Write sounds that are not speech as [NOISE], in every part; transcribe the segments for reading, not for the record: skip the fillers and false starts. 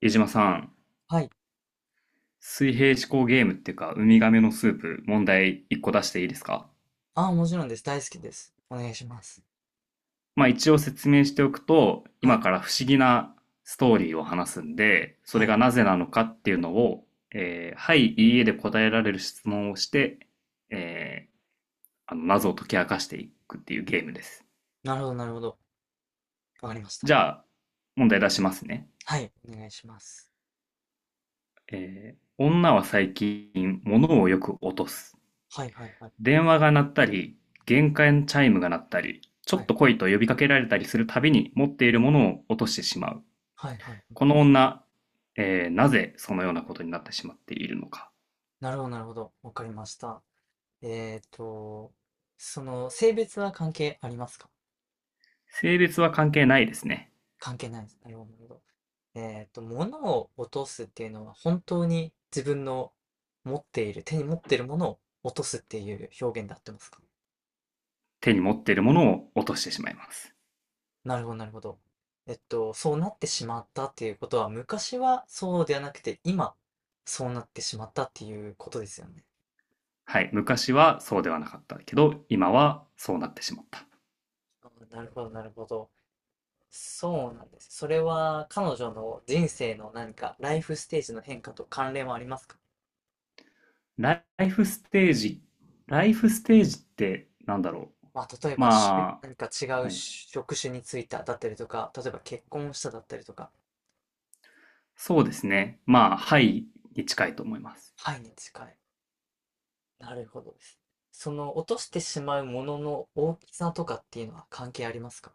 江島さん、はい。水平思考ゲームっていうか、ウミガメのスープ、問題1個出していいですか？ああ、もちろんです。大好きです。お願いします。まあ一応説明しておくと、は今い。から不思議なストーリーを話すんで、そはれい。がなぜなのかっていうのを、はい、いいえで答えられる質問をして、えー謎を解き明かしていくっていうゲームです。なるほど、なるほど。わかりました。じゃあ、問題出しますね。はい。お願いします。女は最近、物をよく落とす。はい、はい、はい。電話が鳴ったり、玄関チャイムが鳴ったり、ちょはっとい。来いと呼びかけられたりするたびに持っているものを落としてしまう。はい、はい。この女、なぜそのようなことになってしまっているのか。なるほど、なるほど。わかりました。えっと、その、性別は関係ありますか？性別は関係ないですね。関係ないです。なるほど、なるほど。物を落とすっていうのは、本当に自分の持っている、手に持っているものを落とすっていう表現であってますか？手に持っているものを落としてしまいます。なるほど、なるほど。そうなってしまったっていうことは、昔はそうではなくて、今、そうなってしまったっていうことですよね。はい。昔はそうではなかったけど、今はそうなってしまった。あー、なるほど、なるほど。そうなんです。それは彼女の人生の何か、ライフステージの変化と関連はありますか？ライフステージ。ライフステージってなんだろう。まあ、例えばま何か違あ、はうい。職種についただったりとか、例えば結婚しただったりとか。そうですね。まあ、はいに近いと思います。はいに近い。なるほどです。その落としてしまうものの大きさとかっていうのは関係ありますか？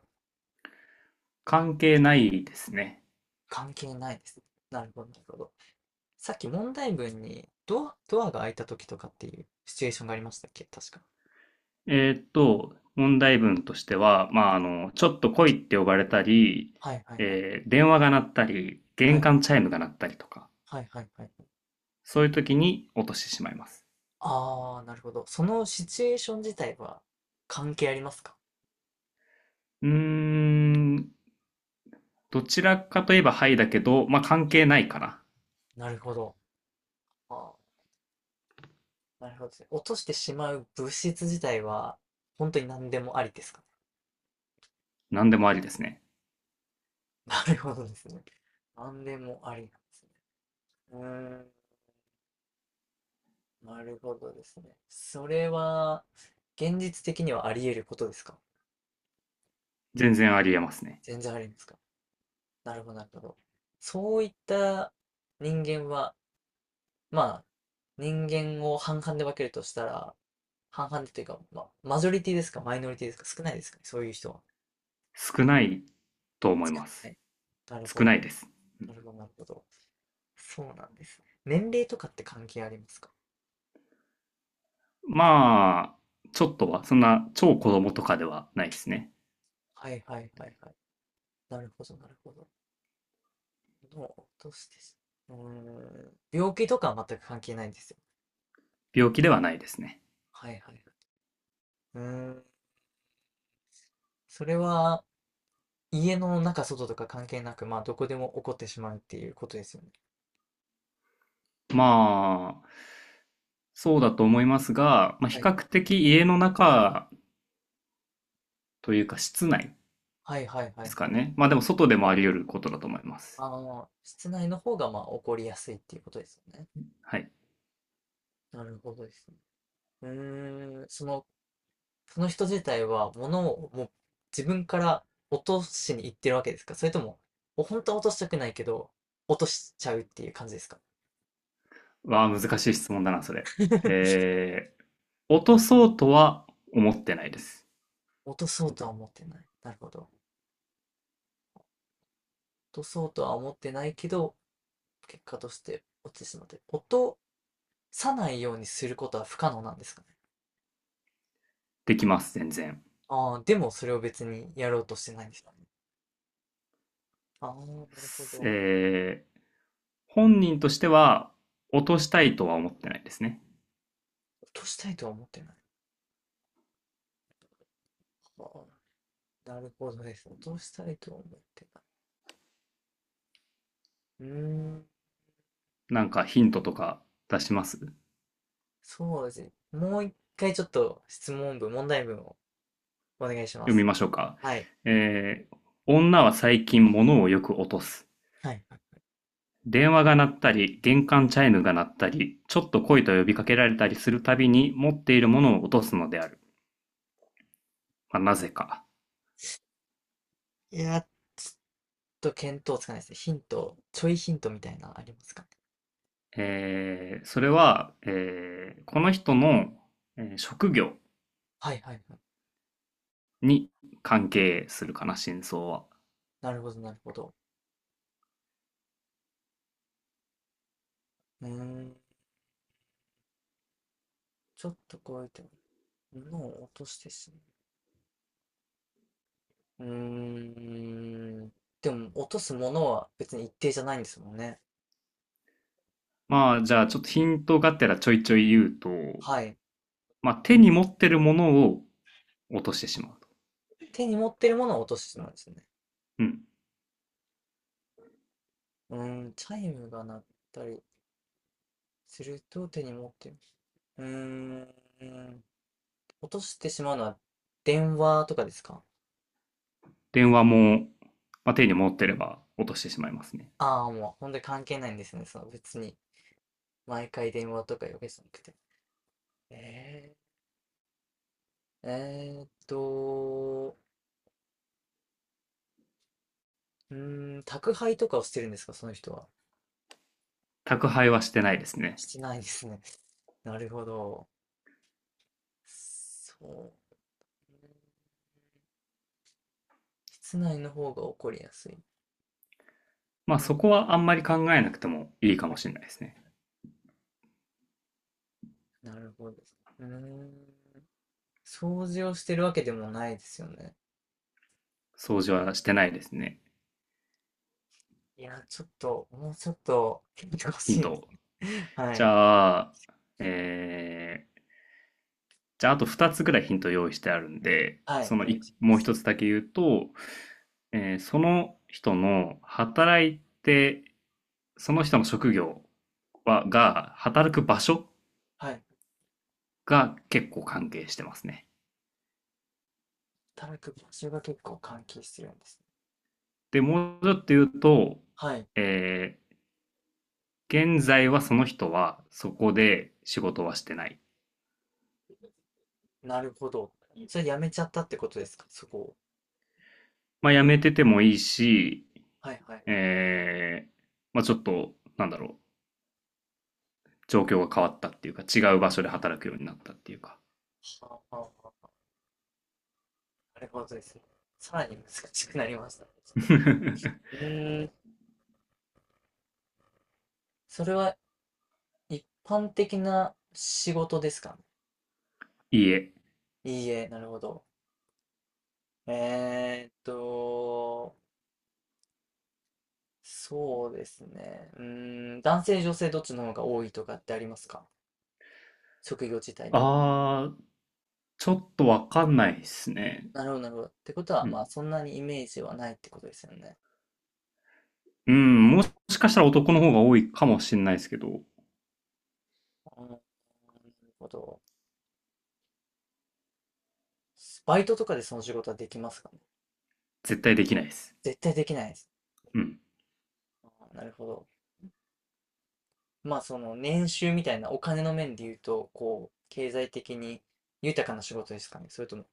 関係ないですね。関係ないです。なるほど、なるほど。さっき問題文にドアが開いた時とかっていうシチュエーションがありましたっけ、確か。問題文としては、まあ、あの、ちょっと来いって呼ばれたり、はいはいはい。電話が鳴ったり、は玄い。関チャイムが鳴ったりとか、はいはいはい。そういう時に落としてしまいます。ああ、なるほど。そのシチュエーション自体は関係ありますか？うーん、どちらかといえばはいだけど、まあ、関は係い。ないから、なるほど。ああ、なるほどですね。落としてしまう物質自体は本当に何でもありですかね。何でもありですね。なるほどですね。何でもありなんですね。うーん、なるほどですね。それは現実的にはあり得ることですか？全然ありえますね。全然ありますか。なるほど、なるほど。そういった人間は、まあ、人間を半々で分けるとしたら、半々でというか、まあ、マジョリティですか、マイノリティですか、少ないですかね、そういう人は。は少ないと思いまなす。い。なる少ほないど、です。なるほど、なるほど。そうなんですね。年齢とかって関係ありますか？まあ、ちょっとは、そんな超子供とかではないですね。はいはいはいはい。なるほど、なるほど。のを落としてし、病気とかは全く関係ないんですよ。病気ではないですね。はいはいはい。うーん、それは、家の中、外とか関係なく、まあ、どこでも起こってしまうっていうことですよね。まあ、そうだと思いますが、まあ、は比い。較的家の中というか室内はいはいはでいすかはい。ね。まあでも外でもあり得ることだと思います。室内の方が、まあ、起こりやすいっていうことですよね。はい。なるほどですね。うその、その人自体は、物をもう自分から落としに行ってるわけですか？それとも、本当は落としたくないけど、落としちゃうっていう感じですか？ わあ、難しい質問だな、それ。[LAUGHS] えー、落とそうとは思ってないです。落とそうとは思ってない。なるほど。落とそうとは思ってないけど、結果として落ちてしまって。音さないようにすることは不可能なんですかね。できます、全然。ああ、でもそれを別にやろうとしてないんですかね。ああ、なるほど。えー、本人としては落としたいとは思ってないですね。落としたいとは思ってない。ああ、なるほどです。落としたいとは思ってない。ん、なんかヒントとか出します読そうですね。もう一回ちょっと質問文、問題文をお願いしまみす。ましょうか。はい。えー、女は最近物をよく落とす。はい。電話が鳴ったり、玄関チャイムが鳴ったり、ちょっと来いと呼びかけられたりするたびに、持っているものを落とすのである。まあ、なぜか。やっと見当つかないですね。ヒント、ちょいヒントみたいなのありますかね。えそれは、この人の、職業はいはいはい。に関係するかな、真相は。なるほど、なるほど。うーん、ちょっとこうやって物を落としてしまう。うーん。でも、落とすものは別に一定じゃないんですもんね。まあ、じゃあ、ちょっとヒントがてらちょいちょい言うと、はい。まあ、手に持ってるものを落としてしまうと。手に持ってるものを落としてしまうんですよね。うん。チャイムが鳴ったりすると手に持ってる。うーん。落としてしまうのは電話とかですか？電話も、まあ、手に持ってれば落としてしまいますね。ああー、もう本当に関係ないんですね。その別に毎回電話とかいうわけじゃなくて。えー、えーっと、宅配とかをしてるんですか、その人は。宅配はしてないですね。してないですね。[LAUGHS] なるほど。そう。うん室内の方が起こりやすい。まあうん、そこはあんまり考えなくてもいいかもしれないですね。なるほどです。うーん。掃除をしてるわけでもないですよね。掃除はしてないですね。いや、ちょっと、もうちょっと、聞いてほヒしンいトですを。ね。[LAUGHS] はじい。ゃあ、えー、じゃああと2つぐらいヒント用意してあるんで、はい、そおの願いいしまもうす。一つだけ言うと、その人の働いて、その人の職業は、が、働く場所はい。が結構関係してますね。働く場所が結構関係してるんですね。で、もうちょっと言うと、はい。えー現在はその人はそこで仕事はしてない。なるほど。それやめちゃったってことですか、そこを？まあ、辞めててもいいし、はいはいはい。えー、まあ、ちょっと、なんだろう、状況が変わったっていうか、違う場所で働くようになったっていうか。はあはあはあ。なるほどですね。さらに難しくなりましたね。う [LAUGHS] ーん。それは一般的な仕事ですかね。いいえ。いいえ、なるほど。えーっと、そうですね。男性、女性どっちの方が多いとかってありますか？職業自体に。あー、ちょっとわかんないですね。なるほど、なるほど。ってことは、うまあ、ん。そんなにイメージはないってことですよね。うん、もしかしたら男の方が多いかもしれないですけど、うん、なるほど。バイトとかでその仕事はできますかね？絶対できないです。絶対できないです。うん。あー、なるほど。まあ、その年収みたいなお金の面で言うと、こう、経済的に豊かな仕事ですかね？それとも、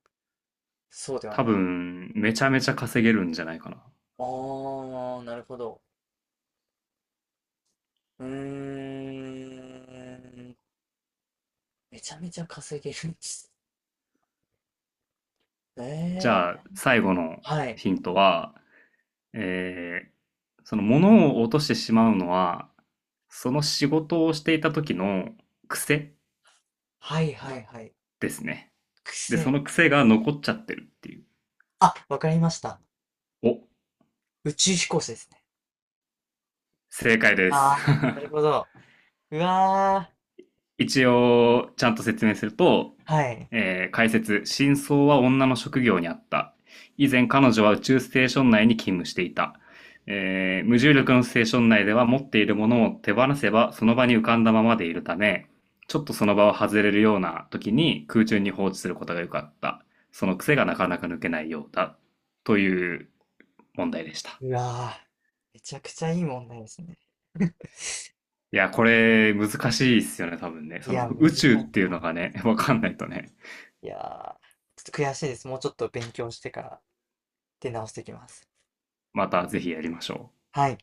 そうでは多ない。分、めちゃめちゃ稼げるんじゃないかな。ああ、なるほど。うーん。めちゃめちゃ稼げるんですね。じええ、ゃあ、最後のはい。ヒントは、えーその物を落としてしまうのは、その仕事をしていた時の癖はいはいはい。ですね。で、そ癖。の癖が残っちゃってるっていう。あ、わかりました。お、宇宙飛行士ですね。正解です。[LAUGHS] ああ、なるほど。うわ一応、ちゃんと説明すると、ー。はい。解説、真相は女の職業にあった。以前彼女は宇宙ステーション内に勤務していた。無重力のステーション内では持っているものを手放せばその場に浮かんだままでいるため、ちょっとその場を外れるような時に空中に放置することが良かった。その癖がなかなか抜けないようだ。という問題でした。うわー。めちゃくちゃいい問題ですね。いや、これ難しいっすよね、多分ね。いそのや、難宇し宙っかっていうた。のがね、[LAUGHS] わかんないとね。いやー、ちょっと悔しいです。もうちょっと勉強してから出直してきます。またぜひやりましょう。はい。